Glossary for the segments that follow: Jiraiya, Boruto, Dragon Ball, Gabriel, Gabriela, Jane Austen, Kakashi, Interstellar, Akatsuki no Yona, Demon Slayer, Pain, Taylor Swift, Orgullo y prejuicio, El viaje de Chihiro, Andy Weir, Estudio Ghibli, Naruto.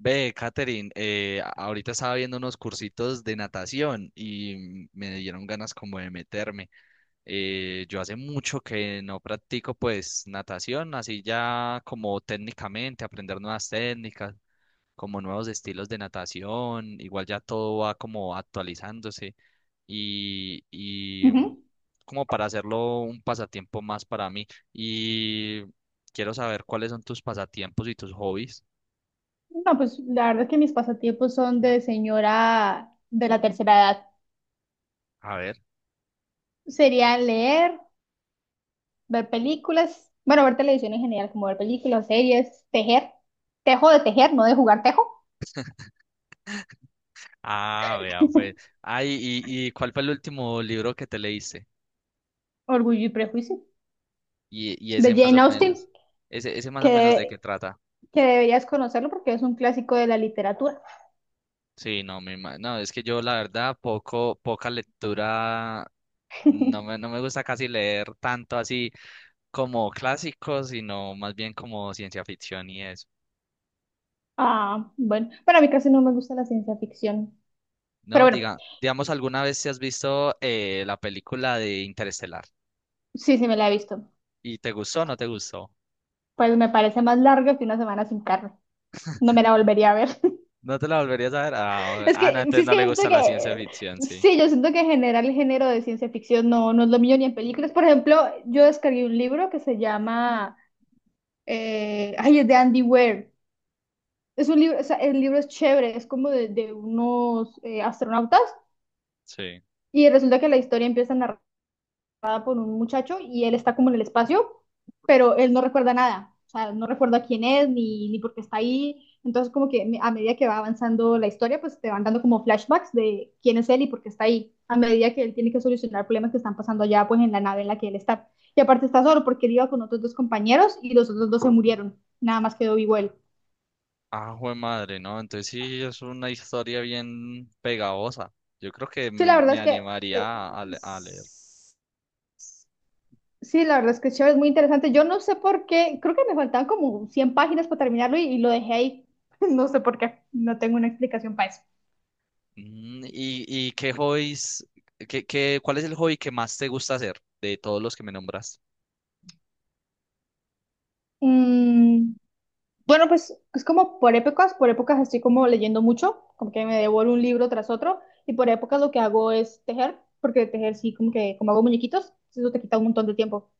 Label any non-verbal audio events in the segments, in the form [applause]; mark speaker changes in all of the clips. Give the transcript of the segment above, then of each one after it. Speaker 1: Ve, Katherine, ahorita estaba viendo unos cursitos de natación y me dieron ganas como de meterme. Yo hace mucho que no practico pues natación, así ya como técnicamente, aprender nuevas técnicas, como nuevos estilos de natación, igual ya todo va como actualizándose y
Speaker 2: Ujú.
Speaker 1: como para hacerlo un pasatiempo más para mí. Y quiero saber cuáles son tus pasatiempos y tus hobbies.
Speaker 2: No, pues la verdad que mis pasatiempos son de señora de la tercera edad.
Speaker 1: A ver.
Speaker 2: Serían leer, ver películas, bueno, ver televisión en general, como ver películas, series, tejer. Tejo de tejer, no de jugar tejo.
Speaker 1: Ah, vea, pues. Ay, y ¿cuál fue el último libro que te leíste?
Speaker 2: Orgullo y prejuicio.
Speaker 1: Y ese
Speaker 2: De
Speaker 1: más o
Speaker 2: Jane Austen,
Speaker 1: menos. Ese más o menos de qué
Speaker 2: que,
Speaker 1: trata.
Speaker 2: que deberías conocerlo porque es un clásico de la literatura.
Speaker 1: Sí, no, no, es que yo la verdad poca lectura, no me,
Speaker 2: [laughs]
Speaker 1: no me gusta casi leer tanto así como clásicos, sino más bien como ciencia ficción y eso.
Speaker 2: Ah, bueno, para mí casi no me gusta la ciencia ficción. Pero
Speaker 1: No,
Speaker 2: bueno,
Speaker 1: digamos, ¿alguna vez te has visto la película de Interestelar?
Speaker 2: sí, sí me la he visto.
Speaker 1: ¿Y te gustó o no te gustó?
Speaker 2: Pues me parece más larga que una semana sin carne. No me la volvería a ver.
Speaker 1: ¿No te la volverías a ver? Ah,
Speaker 2: Es
Speaker 1: ah, no,
Speaker 2: que, sí,
Speaker 1: entonces
Speaker 2: es
Speaker 1: no
Speaker 2: que yo
Speaker 1: le
Speaker 2: siento
Speaker 1: gusta la ciencia
Speaker 2: que,
Speaker 1: ficción, sí.
Speaker 2: sí, yo siento que en general el género de ciencia ficción no, no es lo mío ni en películas. Por ejemplo, yo descargué un libro que se llama, ay, es de Andy Weir. Es un libro, o sea, el libro es chévere, es como de, de unos astronautas
Speaker 1: Sí.
Speaker 2: y resulta que la historia empieza a narrar con un muchacho y él está como en el espacio, pero él no recuerda nada. O sea, no recuerda quién es ni por qué está ahí. Entonces, como que a medida que va avanzando la historia, pues te van dando como flashbacks de quién es él y por qué está ahí. A medida que él tiene que solucionar problemas que están pasando allá, pues en la nave en la que él está. Y aparte está solo porque él iba con otros dos compañeros y los otros dos se murieron. Nada más quedó vivo él.
Speaker 1: Ah, jue madre, ¿no? Entonces sí es una historia bien pegajosa. Yo creo que
Speaker 2: Sí,
Speaker 1: me,
Speaker 2: la verdad
Speaker 1: me
Speaker 2: es que eh,
Speaker 1: animaría a leer.
Speaker 2: Sí, la verdad es que es chévere, es muy interesante. Yo no sé por qué, creo que me faltaban como 100 páginas para terminarlo y lo dejé ahí. [laughs] No sé por qué, no tengo una explicación para eso.
Speaker 1: ¿Y qué cuál es el hobby que más te gusta hacer de todos los que me nombras?
Speaker 2: Mm, bueno, pues es como por épocas estoy como leyendo mucho, como que me devoro un libro tras otro y por épocas lo que hago es tejer, porque tejer sí, como que como hago muñequitos, eso te quita un montón de tiempo. O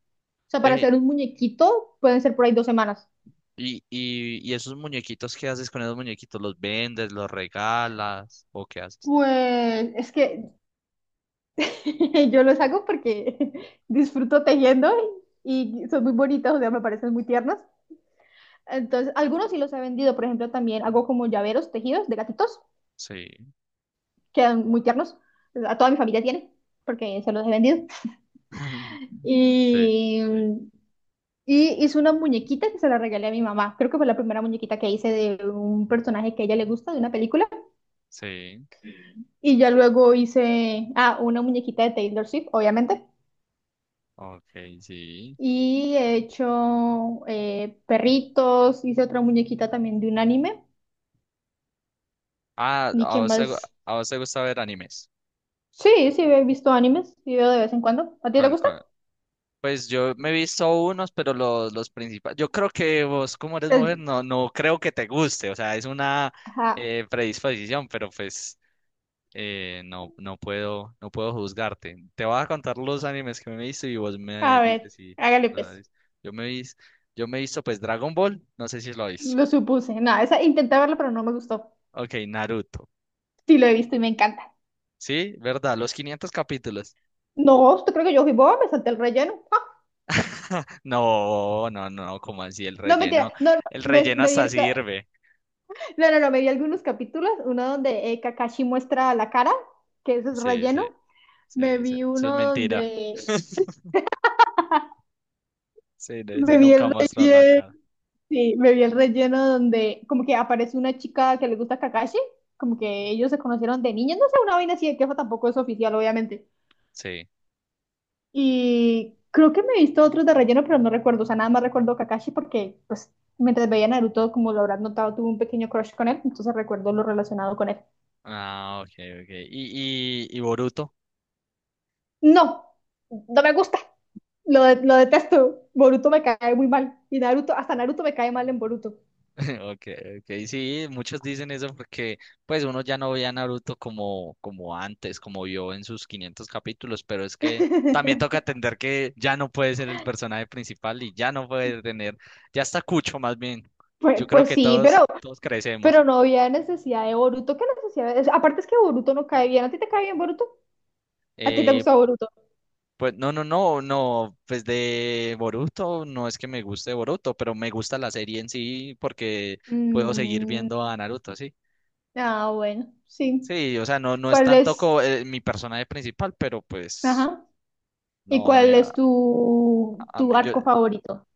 Speaker 2: sea, para
Speaker 1: Ve,
Speaker 2: hacer un muñequito pueden ser por ahí 2 semanas.
Speaker 1: y esos muñequitos, ¿qué haces con esos muñequitos? ¿Los vendes, los regalas o qué haces?
Speaker 2: Pues es que [laughs] yo los hago porque [laughs] disfruto tejiendo y son muy bonitos, o sea, me parecen muy tiernos. Entonces, algunos sí los he vendido, por ejemplo, también hago como llaveros tejidos de gatitos,
Speaker 1: Sí.
Speaker 2: quedan muy tiernos. A toda mi familia tiene, porque se los he vendido.
Speaker 1: [laughs] Sí,
Speaker 2: Y, y hice una muñequita que se la regalé a mi mamá. Creo que fue la primera muñequita que hice de un personaje que a ella le gusta, de una película.
Speaker 1: sí.
Speaker 2: Y ya luego hice, ah, una muñequita de Taylor Swift, obviamente.
Speaker 1: Ok, sí.
Speaker 2: Y he hecho perritos, hice otra muñequita también de un anime.
Speaker 1: Ah,
Speaker 2: ¿Y qué más?
Speaker 1: a vos te gusta ver animes.
Speaker 2: Sí, sí, he visto animes, sí veo de vez en cuando. ¿A ti te
Speaker 1: ¿Cuál,
Speaker 2: gusta?
Speaker 1: cuál? Pues yo me he visto unos, pero los principales. Yo creo que vos, como eres
Speaker 2: Pues,
Speaker 1: mujer, no creo que te guste. O sea, es una
Speaker 2: ajá.
Speaker 1: predisposición, pero pues no, no puedo juzgarte. Te voy a contar los animes que me he visto y vos me
Speaker 2: A ver,
Speaker 1: dices si
Speaker 2: hágale
Speaker 1: lo
Speaker 2: pues.
Speaker 1: sabes. Yo me vis, yo me he visto pues Dragon Ball, no sé si lo he visto.
Speaker 2: Lo supuse. No, esa intenté verla, pero no me gustó.
Speaker 1: Ok, Naruto.
Speaker 2: Sí, lo he visto y me encanta.
Speaker 1: Sí, verdad, los 500 capítulos.
Speaker 2: No, ¿usted cree que yo fui boba? Me salté el relleno. Ah,
Speaker 1: [laughs] No, no, no, como así el
Speaker 2: no, mentira.
Speaker 1: relleno,
Speaker 2: No, no,
Speaker 1: el
Speaker 2: me,
Speaker 1: relleno
Speaker 2: me vi
Speaker 1: hasta sirve.
Speaker 2: no, no, no, me vi algunos capítulos. Uno donde Kakashi muestra la cara, que eso es
Speaker 1: Sí, sí.
Speaker 2: relleno.
Speaker 1: Sí,
Speaker 2: Me
Speaker 1: eso,
Speaker 2: vi
Speaker 1: eso es
Speaker 2: uno
Speaker 1: mentira.
Speaker 2: donde
Speaker 1: [laughs] Sí, no
Speaker 2: Me
Speaker 1: dice
Speaker 2: vi
Speaker 1: nunca
Speaker 2: el
Speaker 1: mostrar la
Speaker 2: relleno,
Speaker 1: cara.
Speaker 2: sí, me vi el relleno donde como que aparece una chica que le gusta Kakashi, como que ellos se conocieron de niños, no sé, una vaina así de queja tampoco es oficial, obviamente.
Speaker 1: Sí.
Speaker 2: Y creo que me he visto otros de relleno, pero no recuerdo, o sea, nada más recuerdo Kakashi porque, pues, mientras veía Naruto, como lo habrás notado, tuve un pequeño crush con él, entonces recuerdo lo relacionado con él.
Speaker 1: Ah, ok, ok. ¿Y Boruto?
Speaker 2: No, no me gusta, lo detesto, Boruto me cae muy mal, y Naruto, hasta Naruto me cae mal en Boruto.
Speaker 1: [laughs] Ok, ok. Sí, muchos dicen eso porque pues uno ya no ve a Naruto como antes, como vio en sus 500 capítulos, pero es que también toca
Speaker 2: [laughs]
Speaker 1: atender que ya no puede ser el personaje principal y ya no puede tener, ya está Cucho más bien.
Speaker 2: Pues,
Speaker 1: Yo creo
Speaker 2: pues
Speaker 1: que
Speaker 2: sí,
Speaker 1: todos,
Speaker 2: pero
Speaker 1: todos crecemos.
Speaker 2: Pero no había necesidad de Boruto. ¿Qué necesidad? Aparte es que Boruto no cae bien. ¿A ti te cae bien Boruto? ¿A ti te
Speaker 1: Eh,
Speaker 2: gusta Boruto?
Speaker 1: Pues no, no, no, no, pues de Boruto no es que me guste Boruto, pero me gusta la serie en sí porque puedo seguir
Speaker 2: Mm,
Speaker 1: viendo a Naruto, sí.
Speaker 2: ah, bueno, sí.
Speaker 1: Sí, o sea, no, no es
Speaker 2: ¿Cuál
Speaker 1: tanto
Speaker 2: es
Speaker 1: como mi personaje principal, pero pues
Speaker 2: Ajá. ¿Y
Speaker 1: no,
Speaker 2: cuál es tu,
Speaker 1: a
Speaker 2: tu
Speaker 1: mí- yo,
Speaker 2: arco favorito?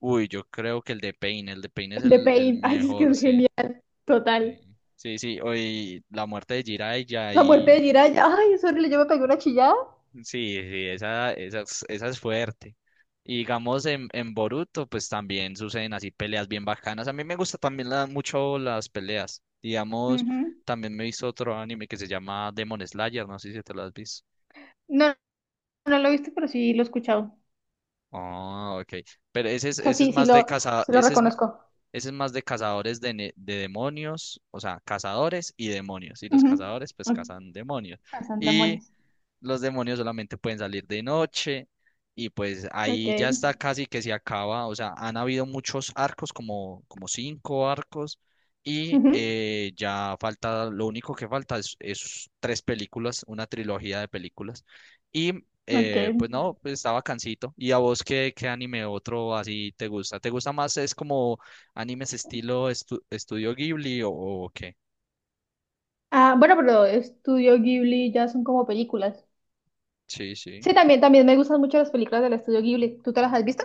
Speaker 1: uy, yo creo que el de Pain es
Speaker 2: ¿El de
Speaker 1: el
Speaker 2: Pain? [laughs] Ay, es que
Speaker 1: mejor,
Speaker 2: es
Speaker 1: sí,
Speaker 2: genial. Total.
Speaker 1: sí, sí, sí, hoy la muerte de Jiraiya
Speaker 2: La muerte
Speaker 1: y.
Speaker 2: de Jiraiya. Ay, es horrible. Yo me pegué una chillada.
Speaker 1: Sí, sí, esa es fuerte. Y digamos en Boruto, pues también suceden así peleas bien bacanas. A mí me gusta también mucho las peleas. Digamos,
Speaker 2: Ujú.
Speaker 1: también me he visto otro anime que se llama Demon Slayer, no sé si te lo has visto.
Speaker 2: No, no lo he visto pero sí lo he escuchado.
Speaker 1: Ah, ok. Pero
Speaker 2: O sea,
Speaker 1: ese es
Speaker 2: sí, sí
Speaker 1: más de
Speaker 2: lo,
Speaker 1: caza,
Speaker 2: sí lo reconozco.
Speaker 1: ese es más de cazadores de demonios, o sea, cazadores y demonios. Y los
Speaker 2: Ujú.
Speaker 1: cazadores pues
Speaker 2: Ok.
Speaker 1: cazan demonios.
Speaker 2: Cazan demonios.
Speaker 1: Los demonios solamente pueden salir de noche y pues
Speaker 2: Ok.
Speaker 1: ahí ya está casi que se acaba, o sea, han habido muchos arcos, como cinco arcos, y
Speaker 2: Ujú.
Speaker 1: ya falta, lo único que falta es tres películas, una trilogía de películas, y
Speaker 2: Ok.
Speaker 1: pues no, pues está bacancito. ¿Y a vos qué anime otro así te gusta? ¿Te gusta más es como animes estilo Estudio Ghibli o qué?
Speaker 2: Ah, bueno, pero Estudio Ghibli ya son como películas.
Speaker 1: Sí, sí.
Speaker 2: Sí, también me gustan mucho las películas del Estudio Ghibli. ¿Tú te las has visto?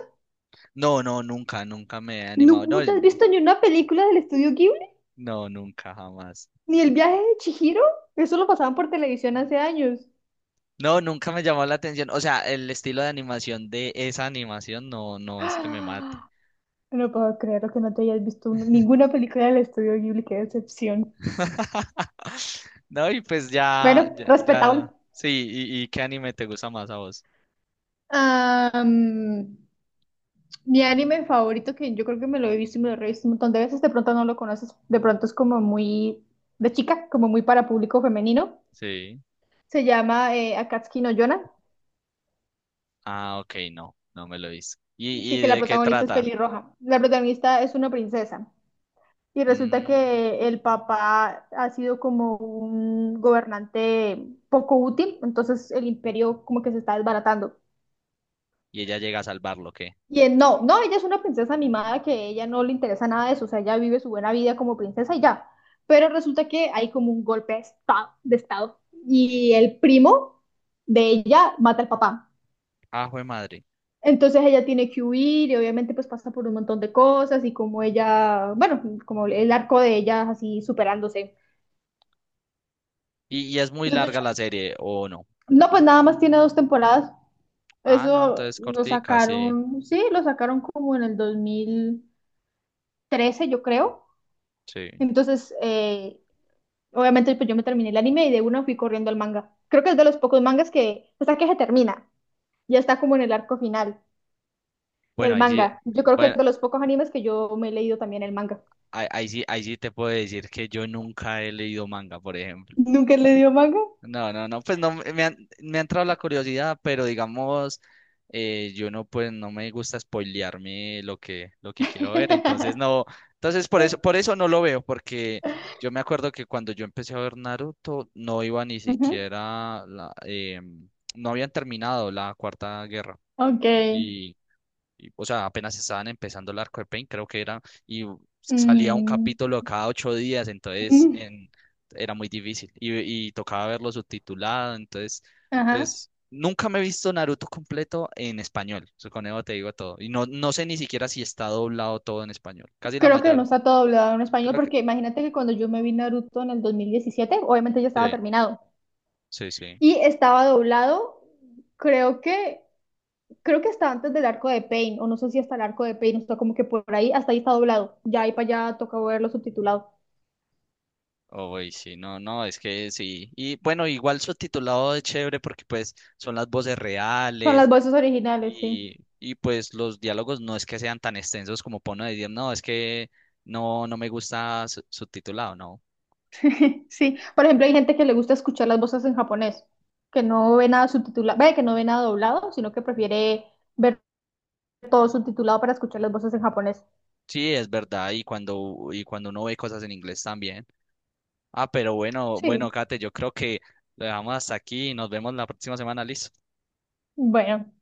Speaker 1: No, no, nunca, me he
Speaker 2: ¿No,
Speaker 1: animado.
Speaker 2: no te has
Speaker 1: No,
Speaker 2: visto ni una película del Estudio Ghibli?
Speaker 1: no, nunca, jamás.
Speaker 2: ¿Ni El viaje de Chihiro? Eso lo pasaban por televisión hace años.
Speaker 1: No, nunca me llamó la atención. O sea, el estilo de animación de esa animación no es que me mate.
Speaker 2: ¡Ah! No puedo creer que no te hayas visto ninguna película del Estudio Ghibli, qué decepción.
Speaker 1: [laughs] No, y pues ya,
Speaker 2: Bueno,
Speaker 1: ya,
Speaker 2: respetable.
Speaker 1: ya. Sí, ¿y qué anime te gusta más a vos?
Speaker 2: Ah, mi anime favorito, que yo creo que me lo he visto y me lo he visto un montón de veces, de pronto no lo conoces, de pronto es como muy de chica, como muy para público femenino.
Speaker 1: Sí.
Speaker 2: Se llama Akatsuki no Yona,
Speaker 1: Ah, ok, no, no me lo he visto.
Speaker 2: sí,
Speaker 1: ¿Y
Speaker 2: que la
Speaker 1: de qué
Speaker 2: protagonista es
Speaker 1: trata?
Speaker 2: pelirroja. La protagonista es una princesa y resulta
Speaker 1: Mm,
Speaker 2: que el papá ha sido como un gobernante poco útil, entonces el imperio como que se está desbaratando.
Speaker 1: ¿Y ella llega a salvarlo, qué?
Speaker 2: No, no, ella es una princesa mimada que ella no le interesa nada de eso, o sea, ella vive su buena vida como princesa y ya. Pero resulta que hay como un golpe de estado y el primo de ella mata al papá.
Speaker 1: Ah, jue madre.
Speaker 2: Entonces ella tiene que huir y obviamente pues pasa por un montón de cosas y como ella, bueno, como el arco de ella así superándose.
Speaker 1: ¿Y es muy
Speaker 2: Es muy
Speaker 1: larga la
Speaker 2: chévere.
Speaker 1: serie o no?
Speaker 2: No, pues nada más tiene dos temporadas.
Speaker 1: Ah, no,
Speaker 2: Eso
Speaker 1: entonces
Speaker 2: lo
Speaker 1: cortica, sí,
Speaker 2: sacaron, sí, lo sacaron como en el 2013 yo creo.
Speaker 1: sí.
Speaker 2: Entonces, obviamente pues yo me terminé el anime y de una fui corriendo al manga. Creo que es de los pocos mangas que hasta que se termina, ya está como en el arco final,
Speaker 1: Bueno,
Speaker 2: el
Speaker 1: ahí sí.
Speaker 2: manga. Yo creo que es
Speaker 1: Bueno,
Speaker 2: de los pocos animes que yo me he leído también el manga.
Speaker 1: ahí sí te puedo decir que yo nunca he leído manga, por ejemplo.
Speaker 2: ¿Nunca he leído manga?
Speaker 1: No, no, no, pues no, me ha entrado la curiosidad, pero digamos, yo no, pues no me gusta spoilearme lo que quiero ver, entonces no,
Speaker 2: [laughs]
Speaker 1: entonces por eso no lo veo, porque yo me acuerdo que cuando yo empecé a ver Naruto, no iba ni
Speaker 2: Ujú.
Speaker 1: siquiera, no habían terminado la Cuarta Guerra.
Speaker 2: Ok.
Speaker 1: Y o sea, apenas estaban empezando el arco de Pain, creo que era, y salía un
Speaker 2: Mm.
Speaker 1: capítulo cada 8 días,
Speaker 2: [laughs]
Speaker 1: entonces
Speaker 2: Mm.
Speaker 1: en, era muy difícil y tocaba verlo subtitulado, entonces,
Speaker 2: Ajá.
Speaker 1: pues nunca me he visto Naruto completo en español, eso con eso te digo todo, y no, no sé ni siquiera si está doblado todo en español, casi la
Speaker 2: Creo que no
Speaker 1: mayor,
Speaker 2: está todo doblado en español
Speaker 1: creo que
Speaker 2: porque imagínate que cuando yo me vi Naruto en el 2017, obviamente ya estaba
Speaker 1: sí,
Speaker 2: terminado
Speaker 1: sí, sí.
Speaker 2: y estaba doblado, creo que creo que hasta antes del arco de Pain o no sé si hasta el arco de Pain, está como que por ahí hasta ahí está doblado. Ya ahí para allá toca verlo subtitulado.
Speaker 1: Oh, y sí, no, no, es que sí. Y bueno, igual subtitulado es chévere porque pues son las voces
Speaker 2: Son las
Speaker 1: reales.
Speaker 2: voces originales, sí.
Speaker 1: Y pues los diálogos no es que sean tan extensos como para uno decir, no, es que no me gusta subtitulado, no.
Speaker 2: [laughs] Sí, por ejemplo, hay gente que le gusta escuchar las voces en japonés, que no ve nada subtitulado, ve que no ve nada doblado, sino que prefiere ver todo subtitulado para escuchar las voces en japonés.
Speaker 1: Sí, es verdad, y cuando uno ve cosas en inglés también. Ah, pero bueno,
Speaker 2: Sí,
Speaker 1: bueno, Kate, yo creo que lo dejamos hasta aquí y nos vemos la próxima semana, ¿listo?
Speaker 2: bueno.